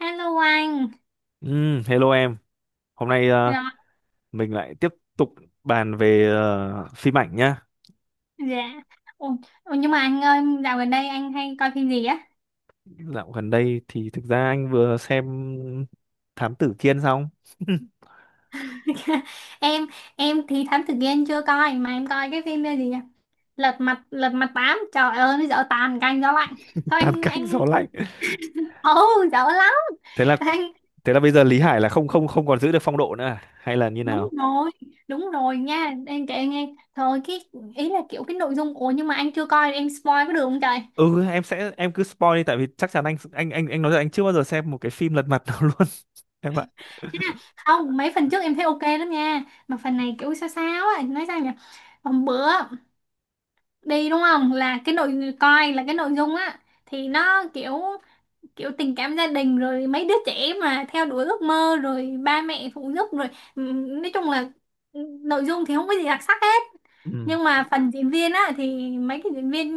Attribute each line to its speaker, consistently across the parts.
Speaker 1: Hello anh.
Speaker 2: Hello em, hôm nay
Speaker 1: Rồi,
Speaker 2: mình lại tiếp tục bàn về phim ảnh nhá.
Speaker 1: dạ. Ồ, ồ, nhưng mà anh ơi, dạo gần đây anh hay coi phim gì á?
Speaker 2: Dạo gần đây thì thực ra anh vừa xem Thám Tử Kiên xong,
Speaker 1: Em em thì Thám Tử Kiên chưa coi mà em coi cái phim gì nhỉ? Lật mặt 8. Trời ơi, nó dở tàn canh gió lạnh. Thôi
Speaker 2: Tam
Speaker 1: anh
Speaker 2: Cánh
Speaker 1: anh
Speaker 2: Gió Lạnh.
Speaker 1: ồ dở lắm.
Speaker 2: Thế là
Speaker 1: Anh
Speaker 2: thế là bây giờ Lý Hải là không không không còn giữ được phong độ nữa à? Hay là như
Speaker 1: đúng
Speaker 2: nào?
Speaker 1: rồi, đúng rồi nha. Em kể nghe. Thôi cái ý là kiểu cái nội dung, ủa nhưng mà anh chưa coi em spoil có được không trời?
Speaker 2: Ừ, em sẽ em cứ spoil đi, tại vì chắc chắn anh nói là anh chưa bao giờ xem một cái phim lật mặt nào luôn em ạ.
Speaker 1: Ha, không, mấy phần trước em thấy ok lắm nha. Mà phần này kiểu sao sao á, nói sao nhỉ? Hôm bữa đi đúng không, là cái nội coi, là cái nội dung á thì nó kiểu kiểu tình cảm gia đình, rồi mấy đứa trẻ mà theo đuổi ước mơ, rồi ba mẹ phụ giúp, rồi nói chung là nội dung thì không có gì đặc sắc hết.
Speaker 2: Ừ,
Speaker 1: Nhưng mà phần diễn viên á thì mấy cái diễn viên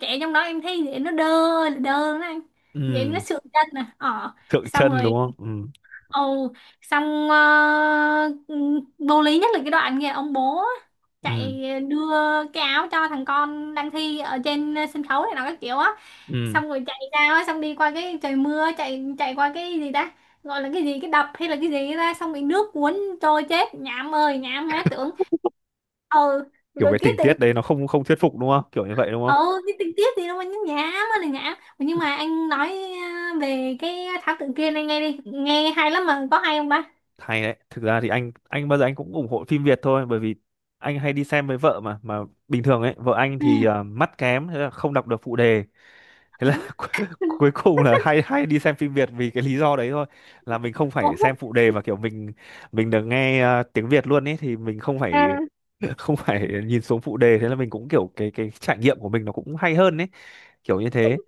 Speaker 1: trẻ trong đó em thấy diễn nó đơ, là đơ đó anh, diễn nó
Speaker 2: ừ,
Speaker 1: sượng chân à ờ.
Speaker 2: Thượng
Speaker 1: Xong
Speaker 2: chân
Speaker 1: rồi.
Speaker 2: đúng không? Ừ,
Speaker 1: Ồ, xong vô lý nhất là cái đoạn kìa, ông bố
Speaker 2: ừ,
Speaker 1: chạy đưa cái áo cho thằng con đang thi ở trên sân khấu này nó các kiểu á,
Speaker 2: ừm.
Speaker 1: xong rồi chạy ra á, xong đi qua cái trời mưa, chạy chạy qua cái gì ta, gọi là cái gì, cái đập hay là cái gì ra, xong bị nước cuốn trôi chết. Nhảm ơi nhảm má tưởng. Ừ,
Speaker 2: Kiểu
Speaker 1: rồi
Speaker 2: cái
Speaker 1: cái
Speaker 2: tình
Speaker 1: tự.
Speaker 2: tiết đấy nó không không thuyết phục đúng không? Kiểu như vậy đúng không?
Speaker 1: Ừ, cái tình tiết gì đâu mà nhảm ơi là nhảm. Nhưng mà anh nói về cái thảo tự kia này, nghe đi nghe hay lắm mà, có hay không ba?
Speaker 2: Hay đấy, thực ra thì anh bao giờ anh cũng ủng hộ phim Việt thôi, bởi vì anh hay đi xem với vợ mà bình thường ấy, vợ anh
Speaker 1: Ừ.
Speaker 2: thì à, mắt kém, thế là không đọc được phụ đề, thế là cuối cùng là hay hay đi xem phim Việt vì cái lý do đấy thôi, là mình không
Speaker 1: Ủa?
Speaker 2: phải xem phụ đề mà kiểu mình được nghe tiếng Việt luôn ấy, thì mình không
Speaker 1: À,
Speaker 2: phải không phải nhìn xuống phụ đề, thế là mình cũng kiểu cái trải nghiệm của mình nó cũng hay hơn ấy, kiểu như thế.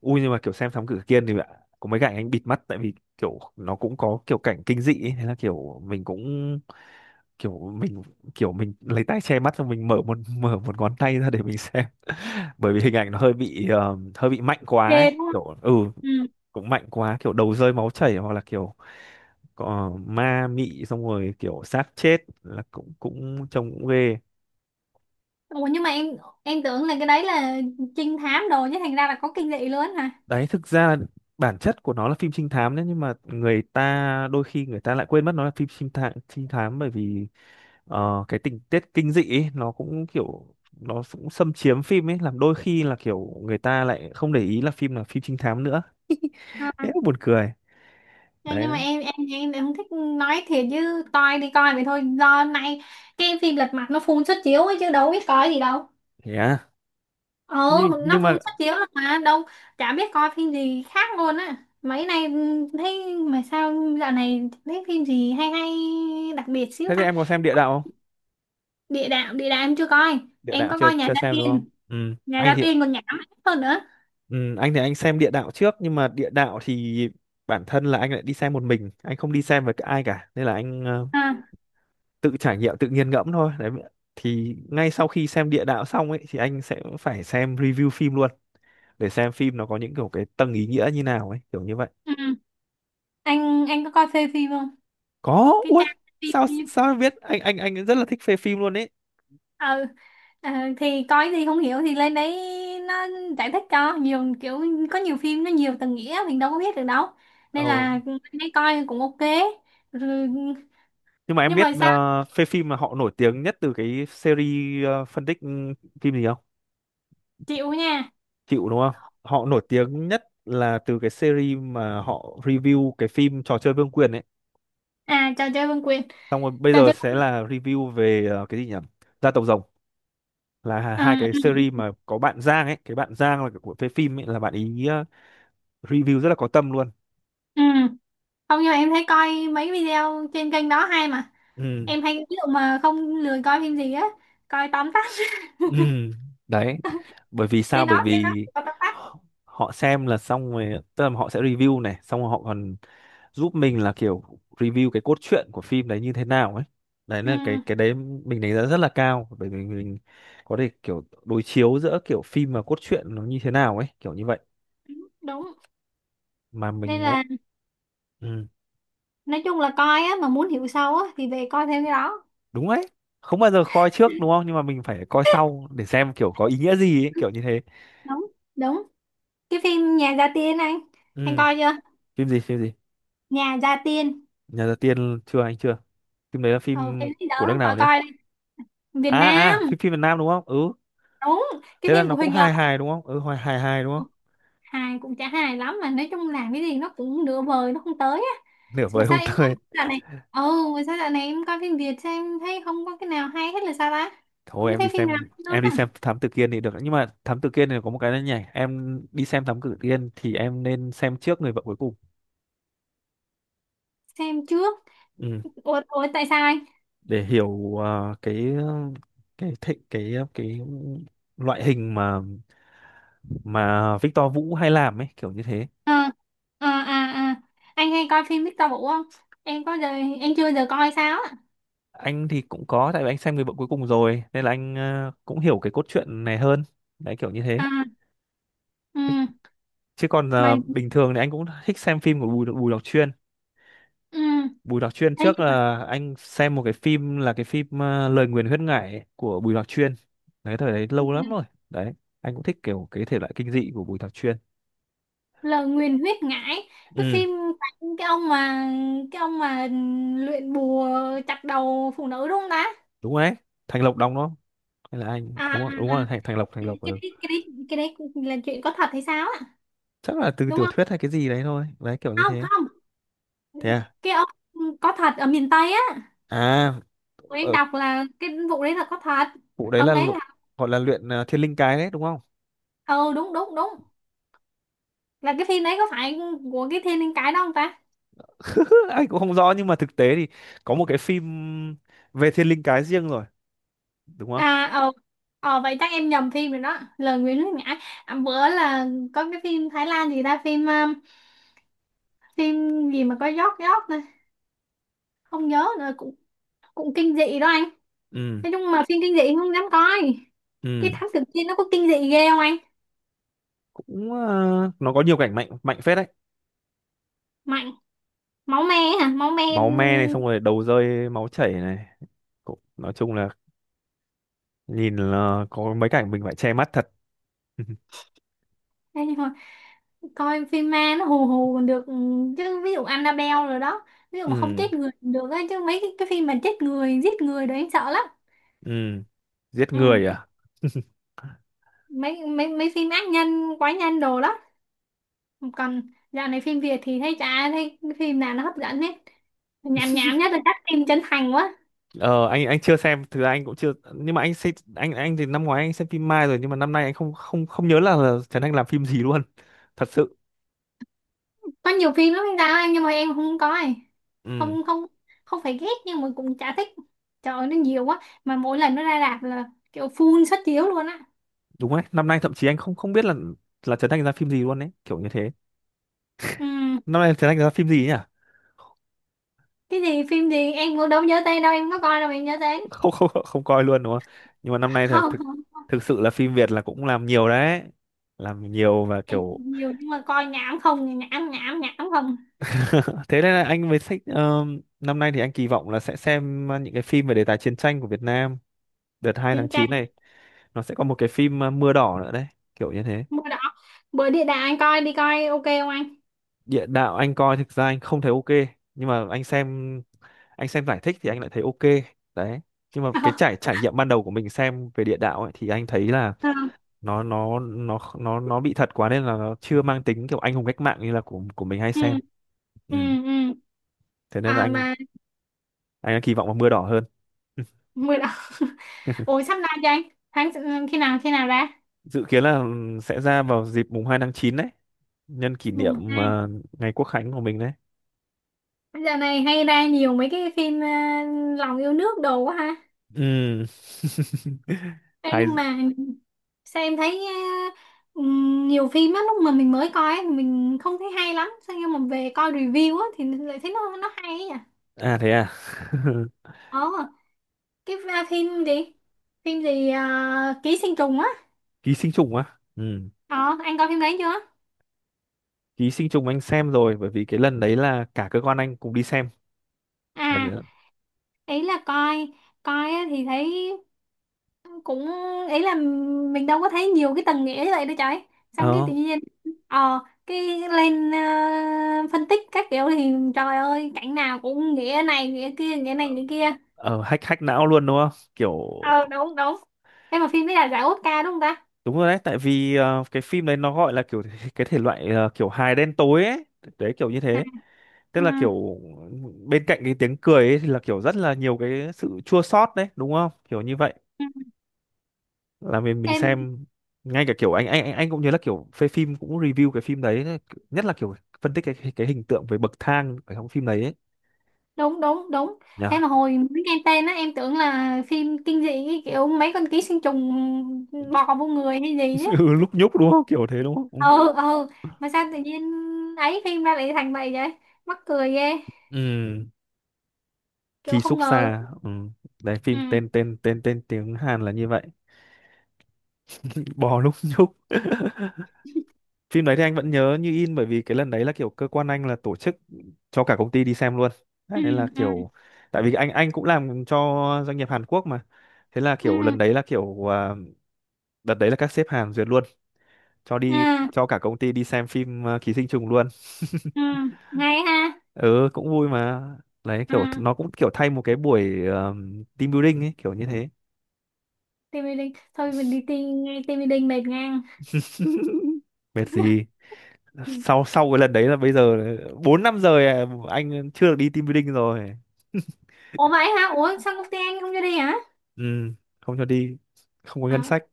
Speaker 2: Ui nhưng mà kiểu xem Thám Tử Kiên thì ạ, có mấy cảnh anh bịt mắt tại vì kiểu nó cũng có kiểu cảnh kinh dị ấy. Thế là kiểu mình cũng kiểu mình kiểu mình lấy tay che mắt xong mình mở một mở một ngón tay ra để mình xem, bởi vì hình ảnh nó hơi bị hơi bị mạnh quá ấy.
Speaker 1: ghê đúng không.
Speaker 2: Kiểu ừ,
Speaker 1: Ừ.
Speaker 2: cũng mạnh quá, kiểu đầu rơi máu chảy hoặc là kiểu có ma mị, xong rồi kiểu xác chết là cũng cũng trông cũng ghê.
Speaker 1: Ủa nhưng mà em tưởng là cái đấy là trinh thám đồ chứ, thành ra là có kinh dị luôn hả?
Speaker 2: Đấy thực ra là bản chất của nó là phim trinh thám đấy, nhưng mà người ta đôi khi người ta lại quên mất nó là phim trinh thám. Trinh thám bởi vì cái tình tiết kinh dị ấy, nó cũng kiểu nó cũng xâm chiếm phim ấy, làm đôi khi là kiểu người ta lại không để ý là phim trinh thám nữa.
Speaker 1: À.
Speaker 2: Thế buồn cười
Speaker 1: Thế nhưng mà
Speaker 2: đấy.
Speaker 1: em không thích, nói thiệt chứ coi đi coi vậy thôi, do nay cái phim lật mặt nó phun suất chiếu ấy chứ đâu biết coi gì đâu.
Speaker 2: Thế à?
Speaker 1: Ừ,
Speaker 2: nhưng
Speaker 1: nó
Speaker 2: nhưng
Speaker 1: phun
Speaker 2: mà
Speaker 1: suất chiếu lắm mà đâu, chả biết coi phim gì khác luôn á mấy nay. Ừ, thấy mà sao dạo này thấy phim gì hay hay đặc biệt xíu
Speaker 2: thế thì
Speaker 1: ta.
Speaker 2: em có xem địa đạo không?
Speaker 1: Địa đạo, địa đạo em chưa coi.
Speaker 2: Địa
Speaker 1: Em
Speaker 2: đạo
Speaker 1: có
Speaker 2: chưa
Speaker 1: coi Nhà
Speaker 2: chưa
Speaker 1: Gia
Speaker 2: xem đúng không?
Speaker 1: Tiên.
Speaker 2: Ừ
Speaker 1: Nhà
Speaker 2: anh
Speaker 1: Gia
Speaker 2: thì,
Speaker 1: Tiên còn nhảm hơn nữa.
Speaker 2: ừ, anh thì anh xem địa đạo trước, nhưng mà địa đạo thì bản thân là anh lại đi xem một mình, anh không đi xem với ai cả, nên là anh
Speaker 1: Ha.
Speaker 2: tự trải nghiệm tự nghiền ngẫm thôi. Đấy thì ngay sau khi xem địa đạo xong ấy, thì anh sẽ phải xem review phim luôn để xem phim nó có những kiểu cái tầng ý nghĩa như nào ấy, kiểu như vậy.
Speaker 1: Ừ. anh có coi phê phim không,
Speaker 2: Có
Speaker 1: cái
Speaker 2: ui,
Speaker 1: trang phim
Speaker 2: sao
Speaker 1: ừ.
Speaker 2: sao em biết, anh rất là thích phê phim luôn ấy.
Speaker 1: ờ, ờ, thì coi thì không hiểu thì lên đấy nó giải thích cho nhiều kiểu, có nhiều phim nó nhiều tầng nghĩa mình đâu có biết được đâu,
Speaker 2: Ồ,
Speaker 1: nên là lên đấy coi cũng ok. Rồi,
Speaker 2: nhưng mà em
Speaker 1: nhưng
Speaker 2: biết
Speaker 1: mà sao,
Speaker 2: phê phim mà họ nổi tiếng nhất từ cái series phân tích ừ, phim gì không?
Speaker 1: chịu nha.
Speaker 2: Chịu đúng không, họ nổi tiếng nhất là từ cái series mà họ review cái phim trò chơi vương quyền ấy.
Speaker 1: À, trò chơi vương quyền,
Speaker 2: Xong rồi bây
Speaker 1: trò
Speaker 2: giờ
Speaker 1: chơi.
Speaker 2: sẽ là review về cái gì nhỉ, gia tộc rồng, là hai cái
Speaker 1: Ừ,
Speaker 2: series mà có bạn Giang ấy. Cái bạn Giang là của phê phim ấy, là bạn ý review rất là có tâm luôn.
Speaker 1: ừ, ừ. Không, nhưng mà em thấy coi mấy video trên kênh đó hay mà.
Speaker 2: Ừ,
Speaker 1: Em hay ví dụ mà không lười coi phim gì á coi tóm tắt.
Speaker 2: ừ, đấy, bởi vì sao?
Speaker 1: Trên
Speaker 2: Bởi
Speaker 1: đó, trên đó
Speaker 2: vì
Speaker 1: có tóm tắt.
Speaker 2: họ họ xem là xong rồi, tức là họ sẽ review này, xong rồi họ còn giúp mình là kiểu review cái cốt truyện của phim đấy như thế nào ấy. Đấy
Speaker 1: Ừ,
Speaker 2: là cái đấy mình đánh giá rất là cao, bởi vì mình có thể kiểu đối chiếu giữa kiểu phim và cốt truyện nó như thế nào ấy, kiểu như vậy.
Speaker 1: đúng,
Speaker 2: Mà
Speaker 1: nên
Speaker 2: mình
Speaker 1: là
Speaker 2: ừ,
Speaker 1: nói chung là coi á mà muốn hiểu sâu á thì về coi thêm cái đó.
Speaker 2: đúng đấy, không bao giờ coi trước đúng không, nhưng mà mình phải coi sau để xem kiểu có ý nghĩa gì ấy, kiểu như thế.
Speaker 1: Đúng đúng. Cái phim Nhà Gia Tiên anh
Speaker 2: Ừ.
Speaker 1: coi chưa?
Speaker 2: Phim gì,
Speaker 1: Nhà Gia Tiên.
Speaker 2: nhà gia tiên chưa, anh chưa. Phim đấy là
Speaker 1: Ờ,
Speaker 2: phim
Speaker 1: phim ấy đỡ
Speaker 2: của nước
Speaker 1: lắm,
Speaker 2: nào
Speaker 1: coi
Speaker 2: nhỉ?
Speaker 1: coi đi. Việt
Speaker 2: À
Speaker 1: Nam.
Speaker 2: à, phim phim Việt Nam đúng không? Ừ,
Speaker 1: Đúng, cái
Speaker 2: thế là
Speaker 1: phim
Speaker 2: nó
Speaker 1: của
Speaker 2: cũng
Speaker 1: Huỳnh Lập.
Speaker 2: hài hài đúng không, ừ, hài hài hài đúng không?
Speaker 1: Hài cũng chả hài lắm, mà nói chung làm cái gì nó cũng nửa vời, nó không tới á.
Speaker 2: Nửa
Speaker 1: Mà
Speaker 2: vời
Speaker 1: sao
Speaker 2: không
Speaker 1: em
Speaker 2: tơi.
Speaker 1: coi dạo này, ừ, mà sao dạo này em coi phim Việt sao em thấy không có cái nào hay hết là sao ta,
Speaker 2: Thôi
Speaker 1: không
Speaker 2: em đi
Speaker 1: thấy phim nào
Speaker 2: xem,
Speaker 1: hay luôn
Speaker 2: em đi
Speaker 1: á.
Speaker 2: xem Thám Tử Kiên thì được, nhưng mà Thám Tử Kiên thì có một cái là nhảy, em đi xem Thám Tử Kiên thì em nên xem trước người vợ cuối cùng.
Speaker 1: Xem trước.
Speaker 2: Ừ.
Speaker 1: Ủa, ủa tại sao anh?
Speaker 2: Để hiểu cái cái loại hình mà Victor Vũ hay làm ấy, kiểu như thế.
Speaker 1: Ờ, ờ, à, à. Anh hay coi phim Victor Vũ không? Em có giờ, em chưa giờ coi sao á.
Speaker 2: Anh thì cũng có, tại vì anh xem người vợ cuối cùng rồi nên là anh cũng hiểu cái cốt truyện này hơn. Đấy kiểu như thế.
Speaker 1: À, ừ,
Speaker 2: Chứ còn
Speaker 1: mà
Speaker 2: bình thường thì anh cũng thích xem phim của Bùi Bùi Lọc Chuyên.
Speaker 1: ừ,
Speaker 2: Bùi Đọc Chuyên
Speaker 1: thấy
Speaker 2: trước là anh xem một cái phim, là cái phim Lời Nguyền Huyết Ngải ấy, của Bùi Đọc Chuyên. Đấy thời đấy lâu lắm rồi. Đấy, anh cũng thích kiểu cái thể loại kinh dị của Bùi Đọc Chuyên.
Speaker 1: lời nguyền huyết ngải, cái
Speaker 2: Ừ,
Speaker 1: phim, cái ông mà, cái ông mà luyện bùa chặt đầu phụ nữ đúng không ta?
Speaker 2: đúng rồi đấy. Thành Lộc đóng nó hay, là anh
Speaker 1: À, à, à.
Speaker 2: đúng rồi, đúng rồi, Thành Thành Lộc Thành Lộc ừ.
Speaker 1: Cái đấy là chuyện có thật hay sao á?
Speaker 2: Chắc là từ
Speaker 1: Đúng
Speaker 2: tiểu
Speaker 1: không?
Speaker 2: thuyết hay cái gì đấy thôi. Đấy kiểu như
Speaker 1: Không
Speaker 2: thế.
Speaker 1: không.
Speaker 2: Thế à?
Speaker 1: Cái ông có thật ở miền Tây á.
Speaker 2: À,
Speaker 1: Tụi em
Speaker 2: ở
Speaker 1: đọc là cái vụ đấy là có thật.
Speaker 2: vụ đấy
Speaker 1: Ông
Speaker 2: là
Speaker 1: đấy là,
Speaker 2: gọi là luyện Thiên Linh Cái đấy đúng không?
Speaker 1: ừ đúng đúng đúng. Là cái phim đấy có phải của cái Thiên Linh Cái đó không ta?
Speaker 2: Anh cũng không rõ nhưng mà thực tế thì có một cái phim về Thiên Linh Cái riêng rồi, đúng không?
Speaker 1: À, ờ, ờ vậy chắc em nhầm phim rồi đó, lời nguyền nước nhã. À, bữa là có cái phim Thái Lan gì ta, phim phim gì mà có giót giót này, không nhớ nữa, cũng cũng kinh dị đó anh.
Speaker 2: Ừ,
Speaker 1: Nói chung mà phim kinh dị không dám coi. Cái
Speaker 2: ừ.
Speaker 1: thám tử kia nó có kinh dị ghê không anh,
Speaker 2: Cũng ờ, nó có nhiều cảnh mạnh mạnh phết đấy.
Speaker 1: mạnh máu me hả, máu me
Speaker 2: Máu me này, xong rồi đầu rơi máu chảy này, cũng, nói chung là nhìn là có mấy cảnh mình phải che mắt thật.
Speaker 1: hay thôi, coi phim ma nó hù hù còn được. Ừ, chứ ví dụ Annabelle rồi đó, ví dụ mà không
Speaker 2: Ừ,
Speaker 1: chết người cũng được ấy, chứ mấy cái phim mà chết người giết người đấy anh sợ lắm.
Speaker 2: ừ, giết
Speaker 1: Ừ,
Speaker 2: người à.
Speaker 1: mấy mấy mấy phim ác nhân quái nhân đồ đó. Còn dạo này phim Việt thì thấy chả thấy phim nào nó hấp dẫn hết, nhảm nhảm nhất là các phim chân thành quá,
Speaker 2: Ờ anh chưa xem, thực ra anh cũng chưa, nhưng mà anh xem, anh thì năm ngoái anh xem phim Mai rồi, nhưng mà năm nay anh không không không nhớ là Trấn Thành làm phim gì luôn. Thật sự
Speaker 1: có nhiều phim lắm anh Đào anh nhưng mà em không coi.
Speaker 2: ừ,
Speaker 1: Không, không, không phải ghét nhưng mà cũng chả thích. Trời ơi, nó nhiều quá mà mỗi lần nó ra rạp là kiểu full suất chiếu luôn á.
Speaker 2: đúng đấy, năm nay thậm chí anh không không biết là Trấn Thành ra phim gì luôn. Đấy kiểu như thế.
Speaker 1: Ừ.
Speaker 2: Năm nay Trấn Thành ra phim gì nhỉ?
Speaker 1: Cái gì phim gì em cũng đâu nhớ tên đâu, em có coi đâu mà em nhớ tên.
Speaker 2: Không không không coi luôn đúng không. Nhưng mà năm nay thật
Speaker 1: Không
Speaker 2: thực
Speaker 1: không không.
Speaker 2: thực sự là phim Việt là cũng làm nhiều đấy. Làm nhiều và
Speaker 1: Em
Speaker 2: kiểu
Speaker 1: nhiều nhưng mà coi nhảm không, nhảm nhảm nhảm không.
Speaker 2: thế nên là anh với sách năm nay thì anh kỳ vọng là sẽ xem những cái phim về đề tài chiến tranh của Việt Nam. Đợt 2 tháng
Speaker 1: Thì
Speaker 2: 9 này nó sẽ có một cái phim Mưa đỏ nữa đấy, kiểu như thế.
Speaker 1: bữa đó, bữa địa đạo anh coi đi, coi ok không anh?
Speaker 2: Địa đạo anh coi, thực ra anh không thấy ok, nhưng mà anh xem, anh xem giải thích thì anh lại thấy ok. Đấy nhưng mà cái trải trải nghiệm ban đầu của mình xem về địa đạo ấy, thì anh thấy là
Speaker 1: Ờ,
Speaker 2: nó nó bị thật quá, nên là nó chưa mang tính kiểu anh hùng cách mạng như là của mình hay
Speaker 1: ừ
Speaker 2: xem. Ừ.
Speaker 1: ừ ừ.
Speaker 2: Thế nên là
Speaker 1: À
Speaker 2: anh
Speaker 1: mà
Speaker 2: anh đang kỳ vọng vào mưa đỏ hơn.
Speaker 1: bữa đó, ủa sắp ra cho anh, tháng, khi nào ra?
Speaker 2: Dự kiến là ừ, sẽ ra vào dịp mùng 2 tháng 9 đấy, nhân kỷ
Speaker 1: Mùng
Speaker 2: niệm
Speaker 1: 2.
Speaker 2: ngày Quốc khánh của mình đấy.
Speaker 1: Giờ này hay ra nhiều mấy cái phim lòng yêu nước đồ quá ha.
Speaker 2: Ừ.
Speaker 1: Ê,
Speaker 2: Hay,
Speaker 1: nhưng mà sao em thấy ờ, nhiều phim á lúc mà mình mới coi ấy, mình không thấy hay lắm sao, nhưng mà về coi review á thì lại thấy nó hay ấy nhỉ.
Speaker 2: à thế à.
Speaker 1: ờ cái phim gì ký sinh trùng á.
Speaker 2: Ký sinh trùng á, ừ.
Speaker 1: Ờ, anh coi phim đấy chưa?
Speaker 2: Ký sinh trùng anh xem rồi, bởi vì cái lần đấy là cả cơ quan anh cùng đi xem.
Speaker 1: À,
Speaker 2: Lần đấy-
Speaker 1: ý là coi, coi á thì thấy cũng, ý là mình đâu có thấy nhiều cái tầng nghĩa như vậy đâu trời. Xong cái
Speaker 2: ờ
Speaker 1: tự nhiên, ờ, cái lên phân tích các kiểu thì trời ơi, cảnh nào cũng nghĩa này, nghĩa kia, nghĩa này, nghĩa kia.
Speaker 2: ờ, hack hack não luôn đúng không, kiểu.
Speaker 1: Ờ, đúng, đúng. Em mà phim đấy là giải Oscar đúng không ta?
Speaker 2: Đúng rồi đấy, tại vì cái phim đấy nó gọi là kiểu cái thể loại kiểu hài đen tối ấy, đấy kiểu như
Speaker 1: À,
Speaker 2: thế. Tức
Speaker 1: ừ.
Speaker 2: là kiểu bên cạnh cái tiếng cười ấy thì là kiểu rất là nhiều cái sự chua xót đấy, đúng không? Kiểu như vậy.
Speaker 1: Ừ.
Speaker 2: Là mình
Speaker 1: Em,
Speaker 2: xem ngay cả kiểu anh cũng như là kiểu phê phim cũng review cái phim đấy, nhất là kiểu phân tích cái cái hình tượng về bậc thang ở trong phim đấy ấy.
Speaker 1: đúng, đúng, đúng. Em
Speaker 2: Nhờ.
Speaker 1: mà hồi mới nghe tên á, em tưởng là phim kinh dị cái kiểu mấy con ký sinh trùng bò vô người hay gì chứ.
Speaker 2: Ừ, lúc nhúc đúng không? Kiểu thế đúng không? Ừ.
Speaker 1: Ừ ừ, mà sao tự nhiên ấy phim ra lại thành vậy vậy, mắc cười ghê,
Speaker 2: Ừ,
Speaker 1: kiểu
Speaker 2: Ký
Speaker 1: không
Speaker 2: xúc
Speaker 1: ngờ
Speaker 2: xa.
Speaker 1: luôn.
Speaker 2: Ừ. Đấy phim
Speaker 1: Ừ
Speaker 2: tên tên tên tên tiếng Hàn là như vậy. Bò lúc nhúc. Phim đấy thì anh vẫn nhớ như in, bởi vì cái lần đấy là kiểu cơ quan anh là tổ chức cho cả công ty đi xem luôn. Đấy,
Speaker 1: ừ
Speaker 2: nên là
Speaker 1: ừ
Speaker 2: kiểu tại vì anh cũng làm cho doanh nghiệp Hàn Quốc mà. Thế là kiểu
Speaker 1: ừ
Speaker 2: lần đấy là kiểu à, đợt đấy là các sếp Hàn duyệt luôn cho
Speaker 1: ừ
Speaker 2: đi, cho cả công ty đi xem phim à, Ký sinh trùng luôn.
Speaker 1: ừ, ngay ha.
Speaker 2: Ừ, cũng vui mà. Đấy
Speaker 1: Ừ,
Speaker 2: kiểu nó cũng kiểu thay một cái buổi team building ấy, kiểu như thế.
Speaker 1: tim Mỹ. Thôi mình đi tìm nghe tim Mỹ Linh mệt ngang.
Speaker 2: Mệt gì,
Speaker 1: Ừ.
Speaker 2: sau sau cái lần đấy là bây giờ 4 năm rồi à, anh chưa được đi team building rồi.
Speaker 1: Ủa vậy hả, ủa sao công ty anh không cho đi hả?
Speaker 2: Ừ, không cho đi, không có ngân
Speaker 1: À.
Speaker 2: sách.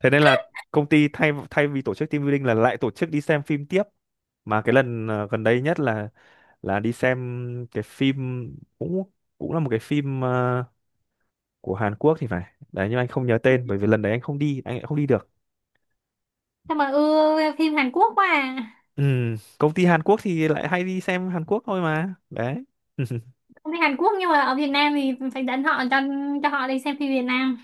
Speaker 2: Thế nên là công ty thay thay vì tổ chức team building là lại tổ chức đi xem phim tiếp, mà cái lần gần đây nhất là đi xem cái phim cũng cũng là một cái phim của Hàn Quốc thì phải. Đấy nhưng anh không nhớ tên bởi vì lần đấy anh không đi, anh lại không đi được.
Speaker 1: Sao mà ưa phim Hàn Quốc quá à,
Speaker 2: Ừ, công ty Hàn Quốc thì lại hay đi xem Hàn Quốc thôi mà đấy.
Speaker 1: công ty Hàn Quốc nhưng mà ở Việt Nam thì phải dẫn họ cho họ đi xem phim Việt Nam.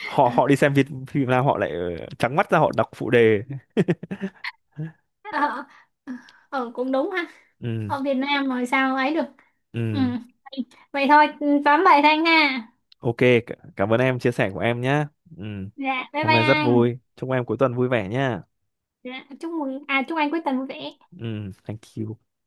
Speaker 2: họ họ đi xem Việt phim nào họ lại trắng mắt ra họ đọc phụ đề.
Speaker 1: Ờ, ờ, cũng đúng ha,
Speaker 2: Ừ,
Speaker 1: ở Việt Nam rồi sao ấy được. Ừ.
Speaker 2: ừ.
Speaker 1: Vậy thôi, tóm vậy thanh ha.
Speaker 2: Ok, c- cảm ơn em chia sẻ của em nhé. Ừ.
Speaker 1: Dạ bye
Speaker 2: Hôm
Speaker 1: bye
Speaker 2: nay rất
Speaker 1: anh.
Speaker 2: vui. Chúc em cuối tuần vui vẻ nhé.
Speaker 1: Dạ chúc mừng, à chúc anh cuối tuần vui vẻ.
Speaker 2: Ừ, thank you.